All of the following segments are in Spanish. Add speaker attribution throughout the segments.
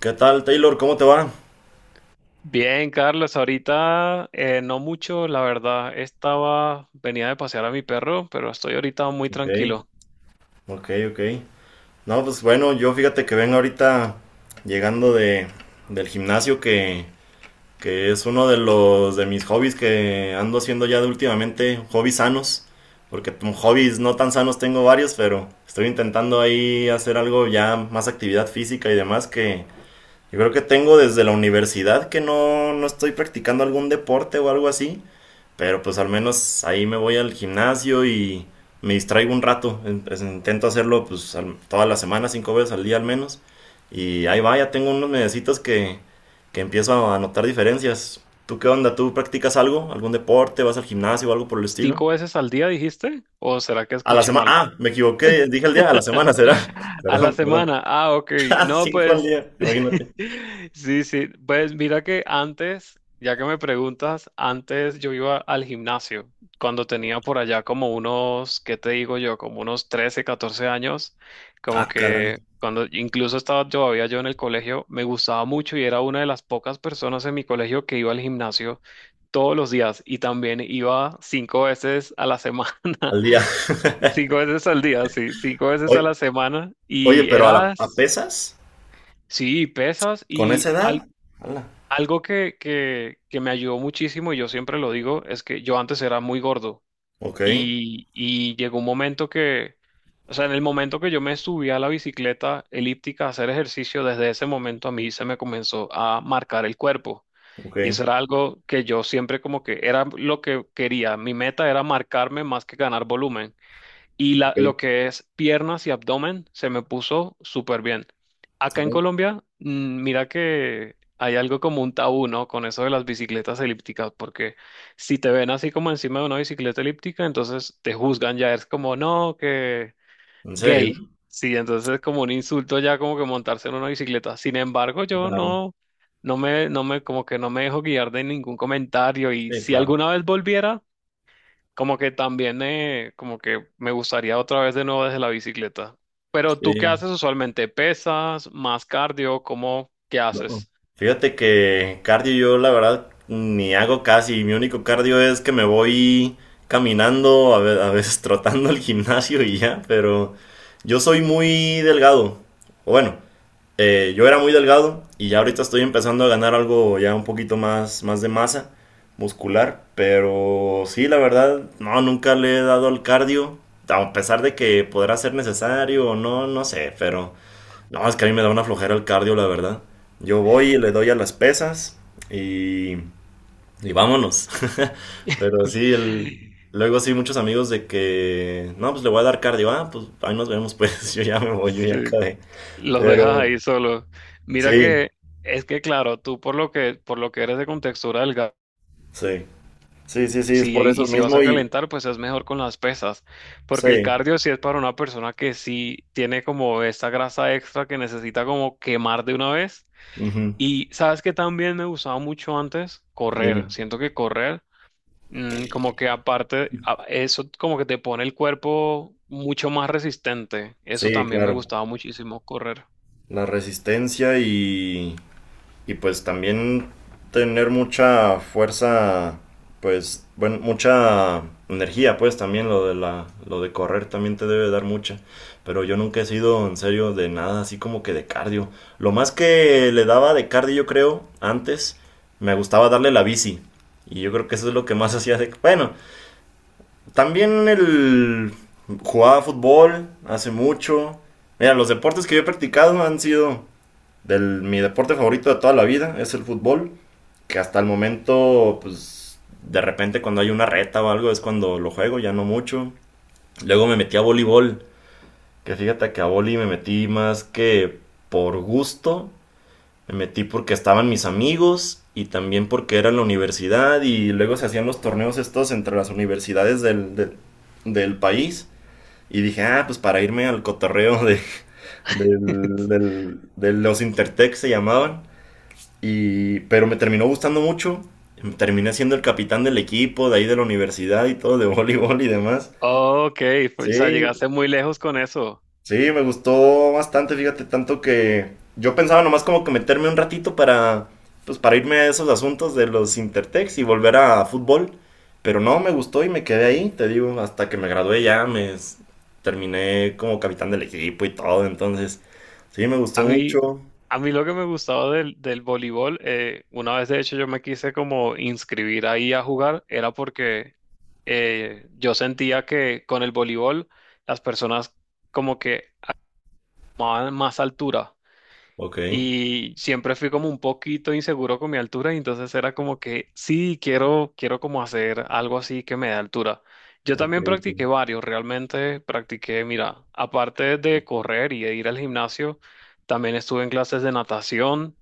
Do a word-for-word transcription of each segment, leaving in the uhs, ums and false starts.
Speaker 1: ¿Qué tal, Taylor? ¿Cómo te va?
Speaker 2: Bien, Carlos, ahorita eh, no mucho, la verdad. Estaba, venía de pasear a mi perro, pero estoy ahorita muy
Speaker 1: Ok.
Speaker 2: tranquilo.
Speaker 1: Ok, ok. No, pues bueno, yo fíjate que vengo ahorita llegando de, del gimnasio que, que es uno de los de mis hobbies que ando haciendo ya de últimamente, hobbies sanos, porque t- hobbies no tan sanos tengo varios, pero estoy intentando ahí hacer algo ya más actividad física y demás que yo creo que tengo desde la universidad que no, no estoy practicando algún deporte o algo así. Pero pues al menos ahí me voy al gimnasio y me distraigo un rato. Pues, intento hacerlo pues al- toda la semana, cinco veces al día al menos. Y ahí va, ya tengo unos mesecitos que, que empiezo a notar diferencias. ¿Tú qué onda? ¿Tú practicas algo? ¿Algún deporte? ¿Vas al gimnasio o algo por el estilo?
Speaker 2: ¿Cinco veces al día dijiste? ¿O será que
Speaker 1: A la
Speaker 2: escuché
Speaker 1: semana.
Speaker 2: mal?
Speaker 1: Ah, me equivoqué. Dije al día. A la semana será.
Speaker 2: A la
Speaker 1: Perdón, perdón.
Speaker 2: semana. Ah, ok. No,
Speaker 1: Cinco al
Speaker 2: pues.
Speaker 1: día. Imagínate.
Speaker 2: Sí, sí. Pues mira que antes, ya que me preguntas, antes yo iba al gimnasio. Cuando tenía por allá como unos, ¿qué te digo yo? Como unos trece catorce años. Como
Speaker 1: Ah, caray.
Speaker 2: que cuando incluso estaba todavía yo en el colegio, me gustaba mucho y era una de las pocas personas en mi colegio que iba al gimnasio todos los días y también iba cinco veces a la semana.
Speaker 1: Al día.
Speaker 2: Cinco veces al día, sí, cinco veces a
Speaker 1: Oye,
Speaker 2: la semana.
Speaker 1: oye,
Speaker 2: Y
Speaker 1: pero a, la- a
Speaker 2: eras,
Speaker 1: pesas
Speaker 2: sí, pesas
Speaker 1: con
Speaker 2: y
Speaker 1: esa
Speaker 2: al-
Speaker 1: edad. Hala.
Speaker 2: algo que, que, que me ayudó muchísimo, y yo siempre lo digo, es que yo antes era muy gordo
Speaker 1: Ok.
Speaker 2: y, y llegó un momento que, o sea, en el momento que yo me subí a la bicicleta elíptica a hacer ejercicio, desde ese momento a mí se me comenzó a marcar el cuerpo.
Speaker 1: Ok,
Speaker 2: Y eso era algo que yo siempre como que era lo que quería. Mi meta era marcarme más que ganar volumen. Y la,
Speaker 1: ok.
Speaker 2: lo que es piernas y abdomen se me puso súper bien. Acá en
Speaker 1: Ok.
Speaker 2: Colombia, mm, mira que hay algo como un tabú, ¿no? Con eso de las bicicletas elípticas, porque si te ven así como encima de una bicicleta elíptica, entonces te juzgan ya, es como, no, que
Speaker 1: ¿En serio?
Speaker 2: gay. Sí, entonces es como un insulto ya como que montarse en una bicicleta. Sin embargo, yo
Speaker 1: Claro.
Speaker 2: no, no me, no me, como que no me dejo guiar de ningún comentario y
Speaker 1: Sí,
Speaker 2: si
Speaker 1: claro.
Speaker 2: alguna vez volviera... Como que también, eh, como que me gustaría otra vez de nuevo desde la bicicleta. Pero tú, ¿qué
Speaker 1: Sí.
Speaker 2: haces usualmente? ¿Pesas? ¿Más cardio? ¿Cómo? ¿Qué
Speaker 1: No, no.
Speaker 2: haces?
Speaker 1: Fíjate que cardio yo la verdad ni hago casi. Mi único cardio es que me voy caminando, a ve- a veces trotando al gimnasio y ya, pero yo soy muy delgado. Bueno, eh, yo era muy delgado y ya ahorita estoy empezando a ganar algo ya un poquito más, más de masa muscular, pero sí, la verdad, no, nunca le he dado al cardio, a pesar de que podrá ser necesario o no, no sé, pero no, es que a mí me da una flojera el cardio, la verdad. Yo voy y le doy a las pesas y, y vámonos. Pero sí, el, luego sí, muchos amigos de que, no, pues le voy a dar cardio, ah, pues ahí nos vemos, pues yo ya me voy, yo ya
Speaker 2: Sí,
Speaker 1: acabé.
Speaker 2: los
Speaker 1: Pero
Speaker 2: dejas ahí solo. Mira
Speaker 1: sí,
Speaker 2: que es que claro, tú por lo que por lo que eres de contextura delgada,
Speaker 1: sí, sí, sí, sí, es
Speaker 2: sí,
Speaker 1: por eso
Speaker 2: y si vas a
Speaker 1: mismo y
Speaker 2: calentar, pues es mejor con las pesas, porque el
Speaker 1: sí,
Speaker 2: cardio sí es para una persona que sí tiene como esta grasa extra que necesita como quemar de una vez.
Speaker 1: ujú,
Speaker 2: Y sabes que también me gustaba mucho antes correr.
Speaker 1: dime,
Speaker 2: Siento que correr, mm, como que aparte, a- eso como que te pone el cuerpo mucho más resistente. Eso
Speaker 1: sí,
Speaker 2: también me
Speaker 1: claro,
Speaker 2: gustaba muchísimo correr.
Speaker 1: la resistencia y, y pues también tener mucha fuerza, pues, bueno, mucha energía, pues también lo de la, lo de correr también te debe dar mucha, pero yo nunca he sido en serio de nada así como que de cardio, lo más que le daba de cardio yo creo antes, me gustaba darle la bici. Y yo creo que eso es lo que más hacía de... Bueno, también el jugaba fútbol hace mucho. Mira, los deportes que yo he practicado han sido del, mi deporte favorito de toda la vida, es el fútbol, que hasta el momento, pues, de repente cuando hay una reta o algo es cuando lo juego, ya no mucho. Luego me metí a voleibol, que fíjate que a voleibol me metí más que por gusto, me metí porque estaban mis amigos y también porque era la universidad y luego se hacían los torneos estos entre las universidades del, del, del país. Y dije, ah, pues para irme al cotorreo de, del- del- de los Intertech se llamaban. Y, pero me terminó gustando mucho. Terminé siendo el capitán del equipo, de ahí de la universidad y todo, de voleibol y demás.
Speaker 2: Ok, pues, o sea,
Speaker 1: Sí,
Speaker 2: llegaste muy lejos con eso.
Speaker 1: sí, me gustó bastante, fíjate, tanto que yo pensaba nomás como que meterme un ratito para, pues para irme a esos asuntos de los Intertex y volver a fútbol, pero no, me gustó y me quedé ahí, te digo, hasta que me gradué ya, me s- terminé como capitán del equipo y todo, entonces, sí, me gustó
Speaker 2: A mí,
Speaker 1: mucho.
Speaker 2: a mí lo que me gustaba del, del voleibol, eh, una vez de hecho yo me quise como inscribir ahí a jugar, era porque eh, yo sentía que con el voleibol las personas como que más, más altura.
Speaker 1: Ok,
Speaker 2: Y siempre fui como un poquito inseguro con mi altura, y entonces era como que sí, quiero, quiero como hacer algo así que me dé altura. Yo
Speaker 1: ok,
Speaker 2: también practiqué
Speaker 1: ok.
Speaker 2: varios, realmente practiqué, mira, aparte de correr y de ir al gimnasio, también estuve en clases de natación.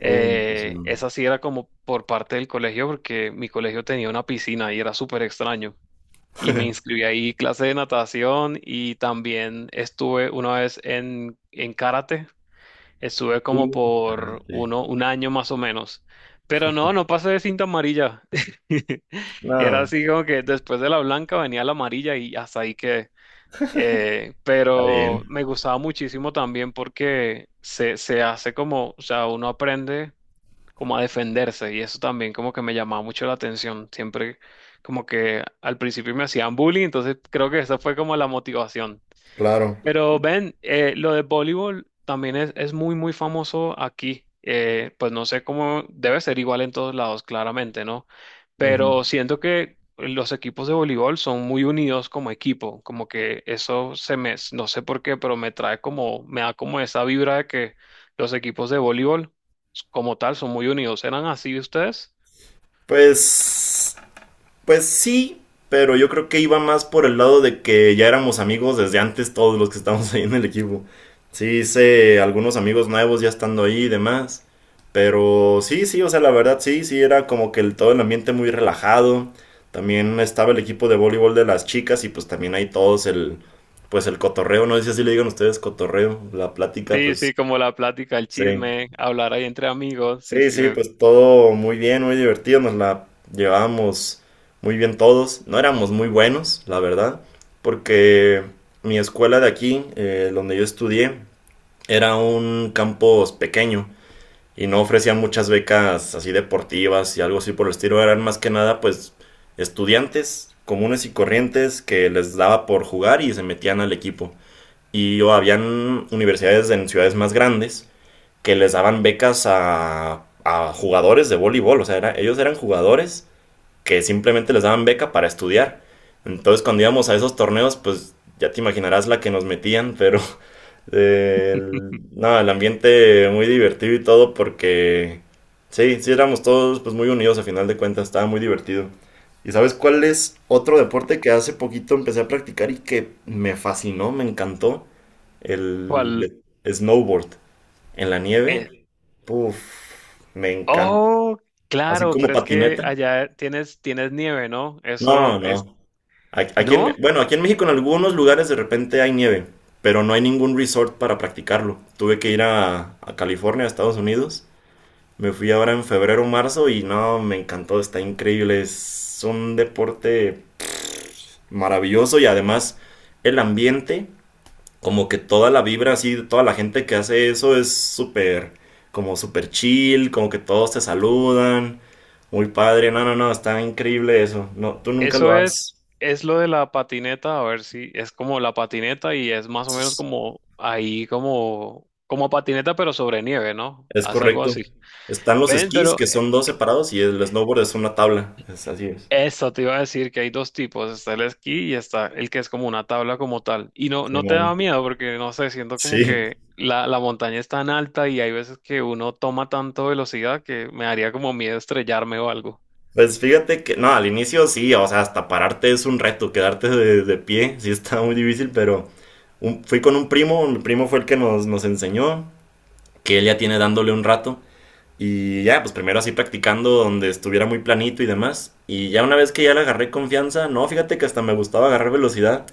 Speaker 1: Uh, me emociono.
Speaker 2: Esa sí era como por parte del colegio, porque mi colegio tenía una piscina y era súper extraño. Y me inscribí ahí clase de natación y también estuve una vez en, en karate. Estuve
Speaker 1: Uh,
Speaker 2: como por
Speaker 1: sí.
Speaker 2: uno, un año más o menos. Pero no, no pasé de cinta amarilla. Era
Speaker 1: Nada,
Speaker 2: así como que después de la blanca venía la amarilla y hasta ahí que,
Speaker 1: está
Speaker 2: pero
Speaker 1: bien.
Speaker 2: me gustaba muchísimo también porque se, se hace como, o sea, uno aprende como a defenderse y eso también como que me llamaba mucho la atención. Siempre como que al principio me hacían bullying, entonces creo que esa fue como la motivación.
Speaker 1: Claro.
Speaker 2: Pero ven, eh, lo de voleibol también es, es muy, muy famoso aquí. Eh, pues no sé cómo debe ser igual en todos lados, claramente, ¿no?
Speaker 1: Ujú.
Speaker 2: Pero siento que los equipos de voleibol son muy unidos como equipo, como que eso se me, no sé por qué, pero me trae como, me da como esa vibra de que los equipos de voleibol como tal son muy unidos. ¿Eran así ustedes?
Speaker 1: Pues Pues sí, pero yo creo que iba más por el lado de que ya éramos amigos desde antes todos los que estábamos ahí en el equipo. Sí hice algunos amigos nuevos ya estando ahí y demás. Pero sí, sí, o sea, la verdad sí, sí, era como que el, todo el ambiente muy relajado. También estaba el equipo de voleibol de las chicas y pues también ahí todos el, pues el cotorreo, no sé si así le digan ustedes cotorreo, la plática,
Speaker 2: Sí, sí,
Speaker 1: pues
Speaker 2: como la plática, el
Speaker 1: sí.
Speaker 2: chisme, hablar ahí entre amigos, sí,
Speaker 1: Sí,
Speaker 2: sí,
Speaker 1: sí,
Speaker 2: me...
Speaker 1: pues todo muy bien, muy divertido, nos la llevábamos muy bien todos. No éramos muy buenos, la verdad, porque mi escuela de aquí, eh, donde yo estudié, era un campus pequeño y no ofrecía muchas becas así deportivas y algo así por el estilo. Eran más que nada, pues, estudiantes comunes y corrientes que les daba por jugar y se metían al equipo. Y o habían universidades en ciudades más grandes que les daban becas a, a jugadores de voleibol. O sea, era- ellos eran jugadores que simplemente les daban beca para estudiar. Entonces, cuando íbamos a esos torneos, pues ya te imaginarás la que nos metían, pero eh, el- no, el ambiente muy divertido y todo porque sí, sí éramos todos pues muy unidos a final de cuentas, estaba muy divertido. ¿Y sabes cuál es otro deporte que hace poquito empecé a practicar y que me fascinó, me encantó? El
Speaker 2: ¿Cuál?
Speaker 1: de- snowboard en la nieve. Puf, me encanta.
Speaker 2: Oh,
Speaker 1: Así
Speaker 2: claro,
Speaker 1: como
Speaker 2: pero es que
Speaker 1: patineta.
Speaker 2: allá tienes, tienes nieve, ¿no? Eso
Speaker 1: No,
Speaker 2: es,
Speaker 1: no. A- aquí en,
Speaker 2: ¿no?
Speaker 1: bueno, aquí en México en algunos lugares de repente hay nieve, pero no hay ningún resort para practicarlo. Tuve que ir a, a California, a Estados Unidos. Me fui ahora en febrero o marzo y no, me encantó, está increíble. Es un deporte maravilloso y además el ambiente como que toda la vibra así, de toda la gente que hace eso es súper, como súper chill, como que todos te saludan, muy padre, no, no, no, está increíble eso, no, tú nunca lo
Speaker 2: Eso es,
Speaker 1: has,
Speaker 2: es lo de la patineta, a ver si es como la patineta y es más o menos
Speaker 1: es,
Speaker 2: como ahí, como, como patineta, pero sobre nieve, ¿no?
Speaker 1: es
Speaker 2: Haz algo
Speaker 1: correcto.
Speaker 2: así.
Speaker 1: Están los
Speaker 2: Ven,
Speaker 1: esquís
Speaker 2: pero
Speaker 1: que son dos separados y el snowboard es una tabla, es así es.
Speaker 2: eso te iba a decir que hay dos tipos, está el esquí y está el que es como una tabla como tal. Y no, no te da
Speaker 1: Simón.
Speaker 2: miedo porque no sé, siento como
Speaker 1: Sí,
Speaker 2: que la, la montaña es tan alta y hay veces que uno toma tanto velocidad que me daría como miedo estrellarme o algo.
Speaker 1: pues fíjate que, no, al inicio sí, o sea, hasta pararte es un reto, quedarte de, de pie, sí está muy difícil, pero un- fui con un primo, mi primo fue el que nos, nos enseñó que él ya tiene dándole un rato. Y ya, pues primero así practicando donde estuviera muy planito y demás. Y ya una vez que ya le agarré confianza, no, fíjate que hasta me gustaba agarrar velocidad.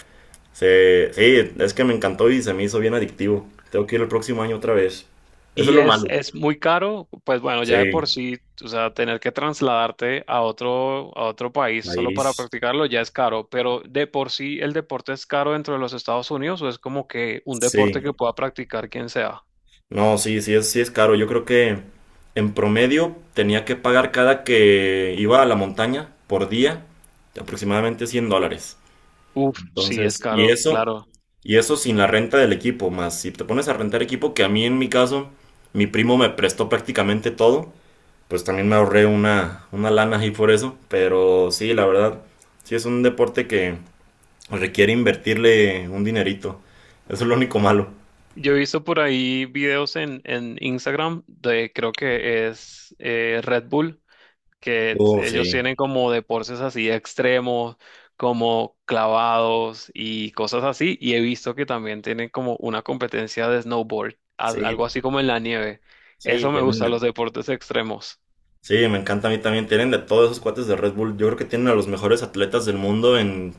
Speaker 1: Se, sí, es que me encantó y se me hizo bien adictivo. Tengo que ir el próximo año otra vez. Eso
Speaker 2: Y
Speaker 1: es lo
Speaker 2: es,
Speaker 1: malo.
Speaker 2: es muy caro, pues bueno, ya de por
Speaker 1: Sí,
Speaker 2: sí, o sea, tener que trasladarte a otro, a otro país solo para
Speaker 1: país.
Speaker 2: practicarlo ya es caro, pero de por sí el deporte es caro dentro de los Estados Unidos o es como que un deporte que
Speaker 1: Sí.
Speaker 2: pueda practicar quien sea.
Speaker 1: No, sí, sí es, sí es caro. Yo creo que en promedio tenía que pagar cada que iba a la montaña por día aproximadamente cien dólares.
Speaker 2: Uf, sí, es
Speaker 1: Entonces, y
Speaker 2: caro,
Speaker 1: eso,
Speaker 2: claro.
Speaker 1: y eso sin la renta del equipo, más si te pones a rentar equipo, que a mí en mi caso, mi primo me prestó prácticamente todo, pues también me ahorré una, una lana ahí por eso. Pero sí, la verdad, sí es un deporte que requiere invertirle un dinerito. Eso es lo único malo.
Speaker 2: Yo he visto por ahí videos en, en Instagram de, creo que es eh, Red Bull, que
Speaker 1: Oh,
Speaker 2: t-
Speaker 1: sí,
Speaker 2: ellos tienen como deportes así extremos, como clavados y cosas así. Y he visto que también tienen como una competencia de snowboard, a-
Speaker 1: sí,
Speaker 2: algo así como en la nieve.
Speaker 1: sí,
Speaker 2: Eso me
Speaker 1: tienen
Speaker 2: gusta, los
Speaker 1: de...
Speaker 2: deportes extremos.
Speaker 1: Sí, me encanta a mí también. Tienen de todos esos cuates de Red Bull. Yo creo que tienen a los mejores atletas del mundo en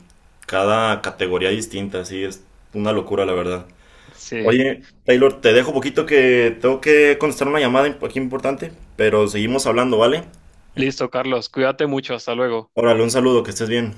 Speaker 1: cada categoría distinta. Sí, es una locura, la verdad.
Speaker 2: Sí.
Speaker 1: Oye, Taylor, te dejo poquito que tengo que contestar una llamada imp- aquí importante, pero seguimos hablando, ¿vale?
Speaker 2: Listo, Carlos, cuídate mucho, hasta luego.
Speaker 1: Órale, un saludo, que estés bien.